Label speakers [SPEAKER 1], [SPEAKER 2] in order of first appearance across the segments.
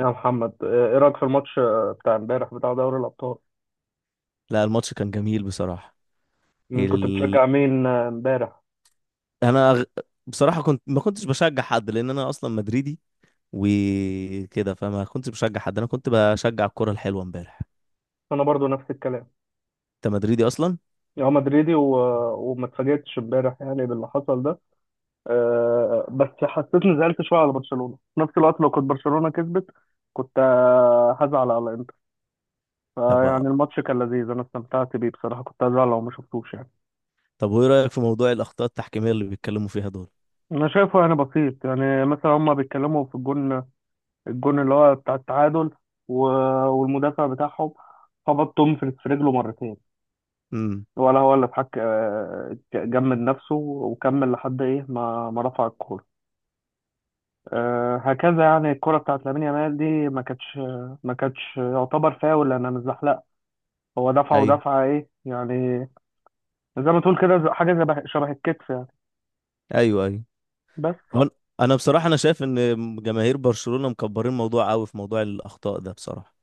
[SPEAKER 1] يا محمد، ايه رأيك في الماتش بتاع امبارح بتاع دوري الأبطال؟
[SPEAKER 2] لا، الماتش كان جميل بصراحة.
[SPEAKER 1] مين كنت
[SPEAKER 2] ال...
[SPEAKER 1] بتشجع مين امبارح؟
[SPEAKER 2] انا أغ... بصراحة كنت ما كنتش بشجع حد لان انا اصلا مدريدي وكده، فما كنتش بشجع حد. انا كنت بشجع الكرة الحلوة امبارح.
[SPEAKER 1] انا برضو نفس الكلام.
[SPEAKER 2] انت مدريدي اصلا.
[SPEAKER 1] يا مدريدي وما اتفاجئتش امبارح يعني باللي حصل ده. بس حسيت اني زعلت شويه على برشلونه، في نفس الوقت لو كنت برشلونه كسبت كنت هزعل على انتر.
[SPEAKER 2] طب
[SPEAKER 1] فيعني الماتش كان لذيذ، انا استمتعت بيه بصراحه، كنت هزعل لو ما شفتوش يعني.
[SPEAKER 2] طب وايه رأيك في موضوع الاخطاء التحكيمية اللي بيتكلموا فيها دول؟
[SPEAKER 1] انا شايفه يعني بسيط، يعني مثلا هما بيتكلموا في الجون، الجون اللي هو بتاع التعادل و- والمدافع بتاعهم خبط تومفرز في رجله مرتين،
[SPEAKER 2] امم.
[SPEAKER 1] ولا هو اللي اتحك جمد نفسه وكمل لحد ايه، ما رفع الكوره. هكذا يعني. الكرة بتاعت لامين يامال دي ما كانتش، ما كانتش يعتبر فاول لأنها متزحلقة، هو دفع
[SPEAKER 2] ايوه.
[SPEAKER 1] ودفعة إيه يعني؟ زي ما تقول كده حاجة زي شبه الكتف يعني.
[SPEAKER 2] ايوه ايوه.
[SPEAKER 1] بس.
[SPEAKER 2] هو انا أنا بصراحة شايف ان جماهير برشلونة مكبرين الموضوع قوي في موضوع الاخطاء ده بصراحة.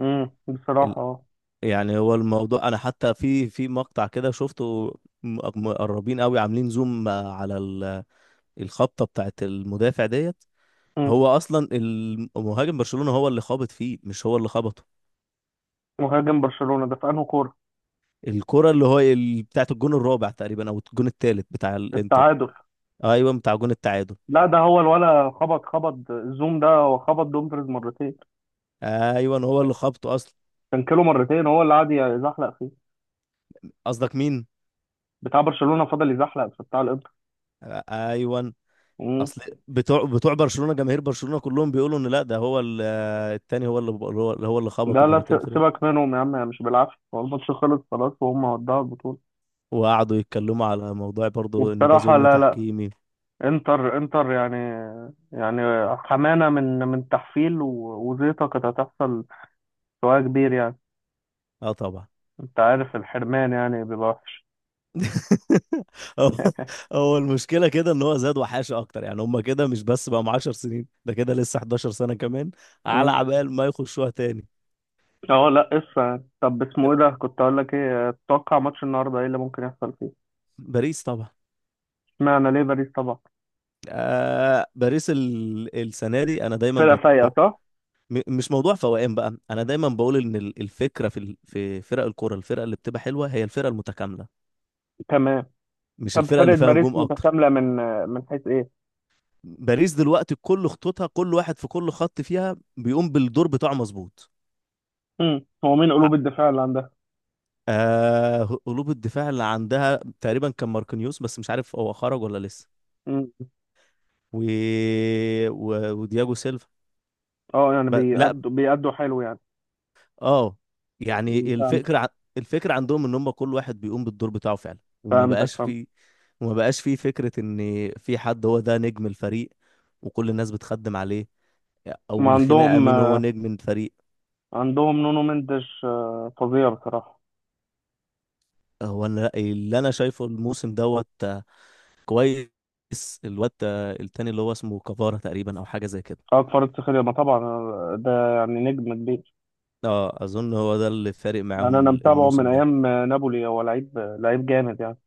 [SPEAKER 1] امم، بصراحة
[SPEAKER 2] ال...
[SPEAKER 1] اه.
[SPEAKER 2] يعني هو الموضوع انا حتى في مقطع كده شفته، مقربين قوي، عاملين زوم على الخبطه بتاعت المدافع ديت.
[SPEAKER 1] مم.
[SPEAKER 2] هو اصلا المهاجم برشلونه هو اللي خابط فيه، مش هو اللي خبطه.
[SPEAKER 1] مهاجم برشلونة ده في أنهي كورة؟
[SPEAKER 2] الكره اللي هو بتاعت الجون الرابع تقريبا او الجون الثالث بتاع الانتر.
[SPEAKER 1] التعادل.
[SPEAKER 2] ايوه، بتاع جون التعادل.
[SPEAKER 1] لا ده هو الولا، خبط الزوم، ده هو خبط دومفريز مرتين،
[SPEAKER 2] ايوه هو اللي خبطه اصلا.
[SPEAKER 1] كانكيلو مرتين هو اللي قعد يزحلق فيه.
[SPEAKER 2] قصدك مين؟
[SPEAKER 1] بتاع برشلونة فضل يزحلق في بتاع الانتر.
[SPEAKER 2] ايوه.
[SPEAKER 1] مم.
[SPEAKER 2] اصل بتوع برشلونه، جماهير برشلونه كلهم بيقولوا ان لا، ده هو التاني هو اللي هو هو اللي خبطه
[SPEAKER 1] ده لا،
[SPEAKER 2] مرتين فرق.
[SPEAKER 1] سيبك منهم يا عم، هي مش بالعافية، هو الماتش خلص خلاص وهم ودعوا البطولة.
[SPEAKER 2] وقعدوا يتكلموا على موضوع برضو ان ده
[SPEAKER 1] وبصراحة
[SPEAKER 2] ظلم
[SPEAKER 1] لا، لا.
[SPEAKER 2] تحكيمي.
[SPEAKER 1] انتر انتر يعني، يعني حمانة من تحفيل وزيطة كانت هتحصل، سواء كبير يعني.
[SPEAKER 2] اه طبعا.
[SPEAKER 1] انت عارف الحرمان يعني بيبقى وحش.
[SPEAKER 2] هو هو المشكله كده ان هو زاد وحاشه اكتر، يعني هم كده مش بس بقى 10 سنين، ده كده لسه 11 سنه كمان على عبال ما يخشوها تاني.
[SPEAKER 1] اه لا قصة. طب اسمه ايه ده، كنت اقول لك ايه، تتوقع ماتش النهارده ايه اللي ممكن يحصل فيه؟
[SPEAKER 2] باريس طبعا.
[SPEAKER 1] اشمعنى، ليه باريس طبعا؟
[SPEAKER 2] آه، باريس السنه دي انا دايما
[SPEAKER 1] فرقة فايقة، صح؟
[SPEAKER 2] مش موضوع فوقان بقى. انا دايما بقول ان الفكره في في فرق الكوره، الفرقه اللي بتبقى حلوه هي الفرقه المتكامله،
[SPEAKER 1] تمام.
[SPEAKER 2] مش
[SPEAKER 1] طب
[SPEAKER 2] الفرقه
[SPEAKER 1] فرقة
[SPEAKER 2] اللي فيها
[SPEAKER 1] باريس
[SPEAKER 2] نجوم اكتر.
[SPEAKER 1] متكاملة من، من حيث ايه؟
[SPEAKER 2] باريس دلوقتي كل خطوطها، كل واحد في كل خط فيها بيقوم بالدور بتاعه مظبوط.
[SPEAKER 1] امم، هو مين قلوب الدفاع اللي عندها؟
[SPEAKER 2] آه، قلوب الدفاع اللي عندها تقريبا كان ماركينيوس، بس مش عارف هو خرج ولا لسه.
[SPEAKER 1] امم.
[SPEAKER 2] و... ودياجو سيلفا.
[SPEAKER 1] اه يعني
[SPEAKER 2] لا.
[SPEAKER 1] بيأدوا حلو يعني.
[SPEAKER 2] اه
[SPEAKER 1] مم،
[SPEAKER 2] يعني
[SPEAKER 1] فهمت.
[SPEAKER 2] الفكرة الفكرة عندهم ان هم كل واحد بيقوم بالدور بتاعه فعلا، وما
[SPEAKER 1] فهمتك،
[SPEAKER 2] بقاش
[SPEAKER 1] فهمت.
[SPEAKER 2] في، وما بقاش في فكرة ان في حد هو ده نجم الفريق وكل الناس بتخدم عليه،
[SPEAKER 1] ما
[SPEAKER 2] او الخناقة
[SPEAKER 1] عندهم.
[SPEAKER 2] مين هو نجم الفريق.
[SPEAKER 1] عندهم نونو مندش، فظيع بصراحة.
[SPEAKER 2] اللي انا شايفه الموسم دوت آه، كويس. الواد آه، التاني اللي هو اسمه كفارة تقريبا او حاجة زي كده.
[SPEAKER 1] أكبر افتخار ما طبعا، ده يعني نجم كبير.
[SPEAKER 2] اه اظن هو ده اللي فارق
[SPEAKER 1] يعني
[SPEAKER 2] معاهم
[SPEAKER 1] أنا متابعه من
[SPEAKER 2] الموسم ده.
[SPEAKER 1] أيام نابولي، هو لعيب، لعيب جامد يعني.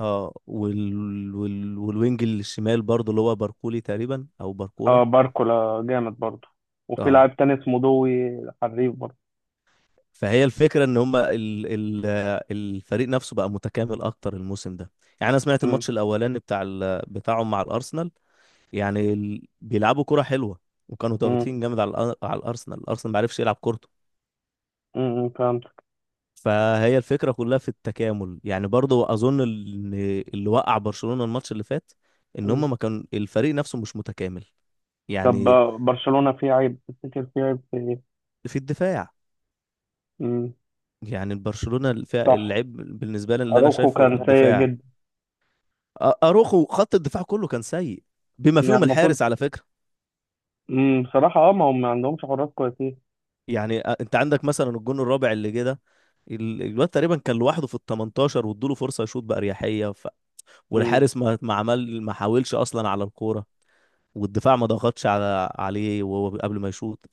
[SPEAKER 2] اه والوينج الشمال برضو اللي هو باركولي تقريبا او
[SPEAKER 1] اه
[SPEAKER 2] باركولا.
[SPEAKER 1] باركولا جامد برضه. وفي
[SPEAKER 2] اه،
[SPEAKER 1] لاعب تاني اسمه دوي، حريف برضه.
[SPEAKER 2] فهي الفكره ان هم آه، الفريق نفسه بقى متكامل اكتر الموسم ده. يعني انا سمعت
[SPEAKER 1] امم.
[SPEAKER 2] الماتش الاولاني بتاع بتاعهم مع الارسنال. يعني بيلعبوا كره حلوه، وكانوا
[SPEAKER 1] امم.
[SPEAKER 2] ضاغطين جامد على على الارسنال، الارسنال ما عرفش يلعب كورته.
[SPEAKER 1] امم، فهمت.
[SPEAKER 2] فهي الفكرة كلها في التكامل. يعني برضو أظن إن اللي وقع برشلونة الماتش اللي فات، إن
[SPEAKER 1] مم.
[SPEAKER 2] هما ما كان الفريق نفسه مش متكامل.
[SPEAKER 1] طب
[SPEAKER 2] يعني
[SPEAKER 1] برشلونة فيه عيب، تفتكر فيه عيب في ايه؟
[SPEAKER 2] في الدفاع.
[SPEAKER 1] امم.
[SPEAKER 2] يعني برشلونة
[SPEAKER 1] صح.
[SPEAKER 2] العيب بالنسبة لي اللي أنا
[SPEAKER 1] اروخو
[SPEAKER 2] شايفه
[SPEAKER 1] كان سيء
[SPEAKER 2] الدفاع.
[SPEAKER 1] جدا.
[SPEAKER 2] أروخو، خط الدفاع كله كان سيء، بما
[SPEAKER 1] يعني
[SPEAKER 2] فيهم
[SPEAKER 1] المفروض.
[SPEAKER 2] الحارس على فكرة.
[SPEAKER 1] بصراحة اه، ما هم ما عندهمش حراس كويسين.
[SPEAKER 2] يعني أنت عندك مثلا الجون الرابع اللي جه ده، الواد تقريبا كان لوحده في ال 18 وادوله فرصة يشوط بأريحية،
[SPEAKER 1] امم.
[SPEAKER 2] والحارس ما حاولش أصلا على الكورة، والدفاع ما ضغطش على عليه وهو قبل ما يشوط.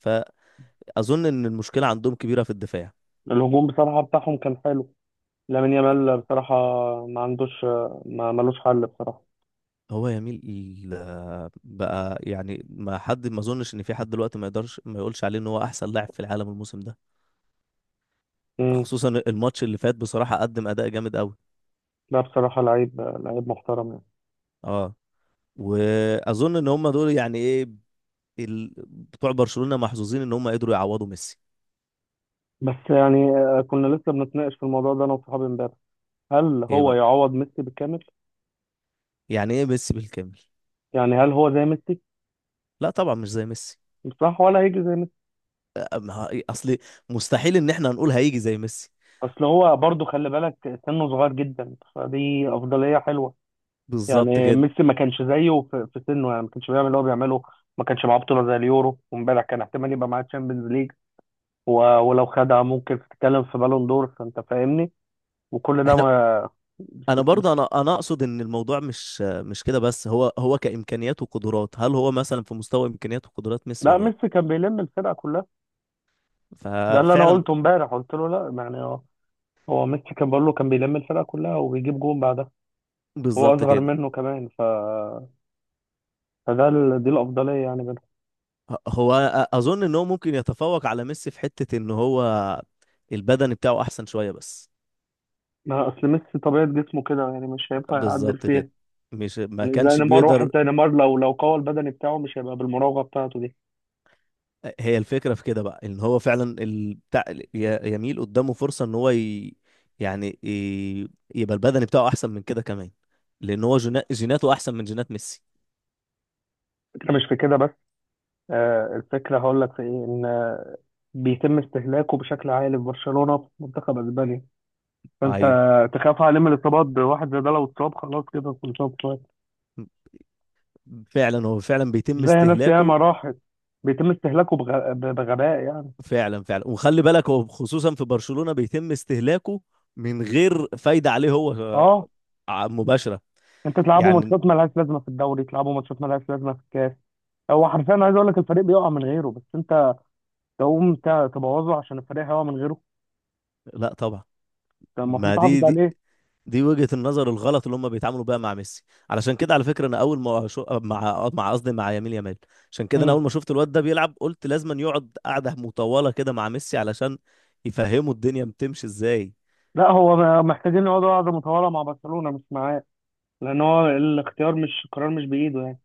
[SPEAKER 2] فأظن إن المشكلة عندهم كبيرة في الدفاع.
[SPEAKER 1] الهجوم بصراحة بتاعهم كان حلو. لامين يامال بصراحة ما عندوش ما ملوش حل بصراحة.
[SPEAKER 2] هو يميل بقى، يعني ما اظنش ان في حد دلوقتي ما يقدرش ما يقولش عليه ان هو احسن لاعب في العالم الموسم ده،
[SPEAKER 1] امم.
[SPEAKER 2] خصوصا الماتش اللي فات بصراحة قدم اداء جامد قوي.
[SPEAKER 1] لا بصراحة لعيب، لعيب محترم يعني.
[SPEAKER 2] اه، واظن ان هم دول يعني ايه، بتوع برشلونة محظوظين ان هم قدروا يعوضوا ميسي.
[SPEAKER 1] بس يعني كنا لسه بنتناقش في الموضوع ده انا وصحابي امبارح، هل
[SPEAKER 2] ايه
[SPEAKER 1] هو
[SPEAKER 2] بقى؟
[SPEAKER 1] يعوض ميسي بالكامل؟
[SPEAKER 2] يعني ايه ميسي بالكامل؟
[SPEAKER 1] يعني هل هو زي ميسي؟
[SPEAKER 2] لا طبعا مش زي ميسي.
[SPEAKER 1] بصراحة ولا هيجي زي ميسي.
[SPEAKER 2] اصل مستحيل ان احنا هنقول هيجي زي ميسي.
[SPEAKER 1] اصل هو برضه خلي بالك سنه صغير جدا، فدي افضلية حلوة.
[SPEAKER 2] بالظبط
[SPEAKER 1] يعني
[SPEAKER 2] كده.
[SPEAKER 1] ميسي ما كانش زيه في, في سنه، يعني ما كانش بيعمل اللي هو بيعمله، ما كانش معاه بطولة زي اليورو، وامبارح كان احتمال يبقى معاه تشامبيونز ليج ولو خدها ممكن تتكلم في بالون دور، فانت فاهمني. وكل ده
[SPEAKER 2] احنا
[SPEAKER 1] ما
[SPEAKER 2] انا
[SPEAKER 1] بت-
[SPEAKER 2] برضه انا اقصد ان الموضوع مش كده بس، هو هو كامكانيات وقدرات، هل هو مثلا في مستوى امكانيات وقدرات ميسي
[SPEAKER 1] لا،
[SPEAKER 2] ولا لا؟
[SPEAKER 1] ميسي كان بيلم الفرقة كلها. ده اللي انا
[SPEAKER 2] ففعلا.
[SPEAKER 1] قلته امبارح، قلت له لا، يعني هو، هو ميسي كان بقول له، كان بيلم الفرقة كلها وبيجيب جون بعدها. هو
[SPEAKER 2] بالظبط
[SPEAKER 1] اصغر
[SPEAKER 2] كده.
[SPEAKER 1] منه كمان فده دي الافضليه يعني بينهم.
[SPEAKER 2] ه- هو اظن ان هو ممكن يتفوق على ميسي في حتة ان هو البدن بتاعه احسن شوية بس.
[SPEAKER 1] ما اصل ميسي طبيعه جسمه كده يعني، مش هينفع يعدل
[SPEAKER 2] بالظبط كده.
[SPEAKER 1] فيها.
[SPEAKER 2] مش ما
[SPEAKER 1] يعني زي
[SPEAKER 2] كانش
[SPEAKER 1] نيمار، واحد
[SPEAKER 2] بيقدر.
[SPEAKER 1] زي نيمار لو قوى البدني بتاعه مش هيبقى بالمراوغه بتاعته دي.
[SPEAKER 2] هي الفكرة في كده بقى، ان هو فعلا بتاع يميل قدامه فرصة ان هو يعني ي... يبقى البدن بتاعه احسن من كده كمان، لان هو جيناته احسن من جينات ميسي.
[SPEAKER 1] الفكره مش في كده بس. آه الفكره هقول لك في ايه، ان بيتم استهلاكه بشكل عالي في برشلونه، في منتخب اسبانيا، فانت
[SPEAKER 2] ايوه.
[SPEAKER 1] تخاف عليه من الاصابات. واحد زي ده لو اتصاب خلاص كده كل شويه بتوعد.
[SPEAKER 2] فعلا هو فعلا بيتم
[SPEAKER 1] زي ناس
[SPEAKER 2] استهلاكه.
[SPEAKER 1] ياما راحت. بيتم استهلاكه بغباء يعني.
[SPEAKER 2] فعلا فعلا، وخلي بالك هو خصوصا في برشلونة بيتم استهلاكه من غير فايدة عليه هو
[SPEAKER 1] اه
[SPEAKER 2] آه، مباشرة.
[SPEAKER 1] انت تلعبوا
[SPEAKER 2] يعني.
[SPEAKER 1] ماتشات ملهاش لازمه في الدوري، تلعبوا ماتشات ملهاش لازمه في الكاس. هو حرفيا عايز اقول لك الفريق بيقع من غيره، بس انت تقوم تبوظه عشان الفريق هيقع من غيره.
[SPEAKER 2] لا طبعا.
[SPEAKER 1] انت المفروض
[SPEAKER 2] ما دي
[SPEAKER 1] تحافظ
[SPEAKER 2] دي
[SPEAKER 1] عليه.
[SPEAKER 2] دي وجهة النظر الغلط اللي هم بيتعاملوا بيها مع ميسي. علشان كده على فكرة انا اول ما مع قصدي مع يمين يامال، عشان كده انا
[SPEAKER 1] امم.
[SPEAKER 2] اول ما شفت الواد ده بيلعب قلت لازم يقعد قعدة مطولة كده مع ميسي علشان يفهموا الدنيا بتمشي ازاي.
[SPEAKER 1] لا هو محتاجين يقعدوا قعده مطوله مع برشلونه مش معاه، لان هو الاختيار مش القرار، مش بايده يعني.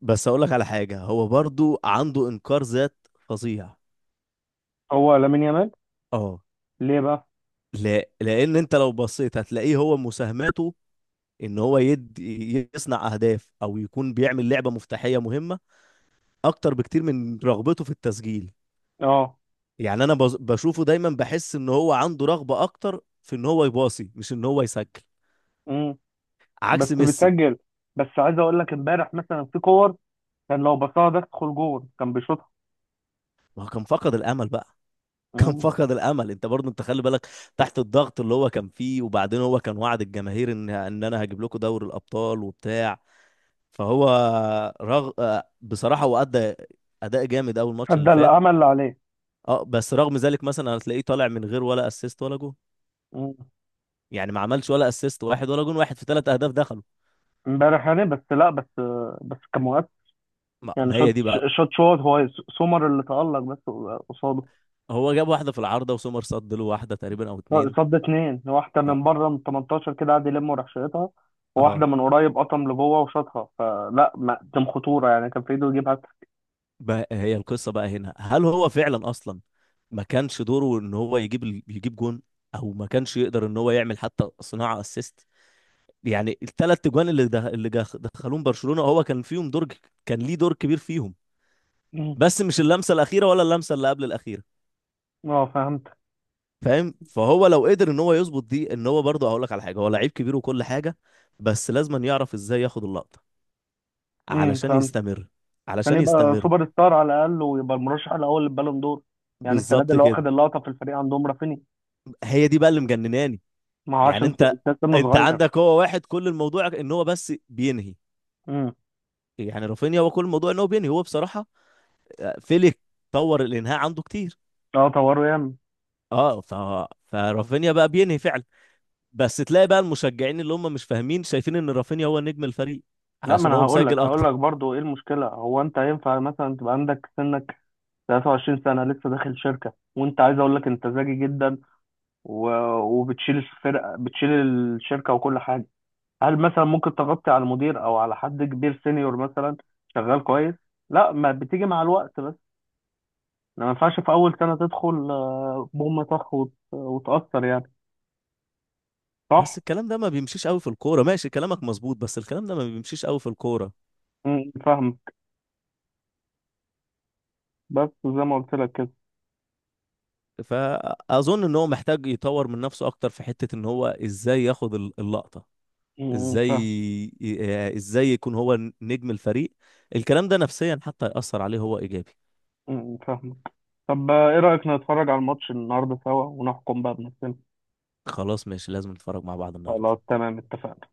[SPEAKER 2] بس اقول لك على حاجة، هو برضو عنده انكار ذات فظيع.
[SPEAKER 1] هو لامين يامال.
[SPEAKER 2] اه.
[SPEAKER 1] ليه بقى؟
[SPEAKER 2] لا، لان انت لو بصيت هتلاقيه هو مساهماته ان هو يدي، يصنع اهداف او يكون بيعمل لعبه مفتاحيه مهمه، اكتر بكتير من رغبته في التسجيل.
[SPEAKER 1] اه.
[SPEAKER 2] يعني انا بشوفه دايما، بحس ان هو عنده رغبه اكتر في ان هو يباصي مش ان هو يسجل،
[SPEAKER 1] امم. بس
[SPEAKER 2] عكس ميسي.
[SPEAKER 1] بتسجل. بس عايز اقول لك امبارح مثلا في كور، كان لو بصاها ده تدخل جول كان بيشوطها.
[SPEAKER 2] ما هو كان فقد الامل بقى. كان
[SPEAKER 1] امم.
[SPEAKER 2] فقد الامل. انت برضه انت خلي بالك تحت الضغط اللي هو كان فيه، وبعدين هو كان وعد الجماهير ان انا هجيب لكم دوري الابطال وبتاع. فهو آه، بصراحة هو أدى أداء جامد أول ماتش اللي
[SPEAKER 1] ادى
[SPEAKER 2] فات.
[SPEAKER 1] الامل اللي عليه.
[SPEAKER 2] اه بس رغم ذلك مثلا هتلاقيه طالع من غير ولا اسيست ولا جون.
[SPEAKER 1] امم.
[SPEAKER 2] يعني ما عملش ولا اسيست واحد ولا جون واحد في ثلاث أهداف دخلوا.
[SPEAKER 1] امبارح يعني بس، لا بس، بس كان مؤثر.
[SPEAKER 2] ما
[SPEAKER 1] يعني
[SPEAKER 2] ما هي
[SPEAKER 1] شوت،
[SPEAKER 2] دي بقى.
[SPEAKER 1] شوت هو. سومر اللي تألق بس قصاده.
[SPEAKER 2] هو جاب واحدة في العارضة وسومر صد له واحدة تقريبا أو اتنين.
[SPEAKER 1] صد اتنين، واحدة
[SPEAKER 2] اه.
[SPEAKER 1] من بره من 18 كده قعد يلم وراح شايطها، وواحدة
[SPEAKER 2] اه
[SPEAKER 1] من قريب قطم لجوه وشاطها، فلا ما كان خطورة يعني، كان في ايده يجيب هاتريك.
[SPEAKER 2] بقى، هي القصة بقى هنا، هل هو فعلا أصلا ما كانش دوره إن هو يجيب يجيب جون، أو ما كانش يقدر إن هو يعمل حتى صناعة اسيست؟ يعني الثلاث اجوان اللي ده اللي دخلوهم برشلونة هو كان فيهم دور كان ليه دور كبير فيهم،
[SPEAKER 1] مم.
[SPEAKER 2] بس مش اللمسة الأخيرة ولا اللمسة اللي قبل الأخيرة.
[SPEAKER 1] اه فهمت.
[SPEAKER 2] فاهم. فهو لو قدر ان هو يظبط دي، ان هو برضه، هقول لك على حاجة، هو لعيب كبير وكل حاجة، بس لازم أن يعرف ازاي ياخد اللقطة علشان
[SPEAKER 1] فهمت.
[SPEAKER 2] يستمر،
[SPEAKER 1] عشان
[SPEAKER 2] علشان
[SPEAKER 1] يبقى
[SPEAKER 2] يستمر.
[SPEAKER 1] سوبر ستار على الأقل ويبقى المرشح الأول للبالون دور. يعني السنة دي
[SPEAKER 2] بالظبط
[SPEAKER 1] اللي
[SPEAKER 2] كده.
[SPEAKER 1] واخد اللقطة في الفريق عندهم رافيني.
[SPEAKER 2] هي دي بقى اللي مجنناني.
[SPEAKER 1] ما هو
[SPEAKER 2] يعني
[SPEAKER 1] عشان
[SPEAKER 2] انت
[SPEAKER 1] سنه
[SPEAKER 2] انت
[SPEAKER 1] صغير.
[SPEAKER 2] عندك هو واحد كل الموضوع ان هو بس بينهي.
[SPEAKER 1] امم.
[SPEAKER 2] يعني رافينيا هو كل الموضوع ان هو بينهي هو بصراحة آه، فيليك طور الانهاء عنده كتير.
[SPEAKER 1] اه طوروا ياما.
[SPEAKER 2] اه فرافينيا بقى بينهي فعلا، بس تلاقي بقى المشجعين اللي هم مش فاهمين شايفين ان رافينيا هو نجم الفريق
[SPEAKER 1] لا ما
[SPEAKER 2] علشان
[SPEAKER 1] انا
[SPEAKER 2] هو
[SPEAKER 1] هقول
[SPEAKER 2] مسجل
[SPEAKER 1] لك هقول
[SPEAKER 2] اكتر.
[SPEAKER 1] لك برضه ايه المشكله، هو انت ينفع مثلا تبقى عندك سنك 23 سنة لسه داخل شركة، وانت عايز اقول لك انت ذكي جدا و... وبتشيل الفرقة، بتشيل الشركة وكل حاجة، هل مثلا ممكن تغطي على المدير او على حد كبير سينيور مثلا شغال كويس؟ لا، ما بتيجي مع الوقت بس، ما ينفعش في اول سنة تدخل بوم طخ وتأثر يعني،
[SPEAKER 2] بس
[SPEAKER 1] صح؟
[SPEAKER 2] الكلام ده ما بيمشيش قوي في الكوره. ماشي كلامك مظبوط، بس الكلام ده ما بيمشيش قوي في الكوره.
[SPEAKER 1] فاهمك. بس زي ما قلت لك كده.
[SPEAKER 2] فاظن ان هو محتاج يطور من نفسه اكتر في حته ان هو ازاي ياخد اللقطه، ازاي
[SPEAKER 1] فاهم.
[SPEAKER 2] آه، ازاي يكون هو نجم الفريق. الكلام ده نفسيا حتى يأثر عليه هو ايجابي.
[SPEAKER 1] فاهمك. طب ايه رأيك نتفرج على الماتش النهارده سوا ونحكم بقى بنفسنا؟
[SPEAKER 2] خلاص ماشي، لازم نتفرج مع بعض النهارده.
[SPEAKER 1] خلاص تمام، اتفقنا.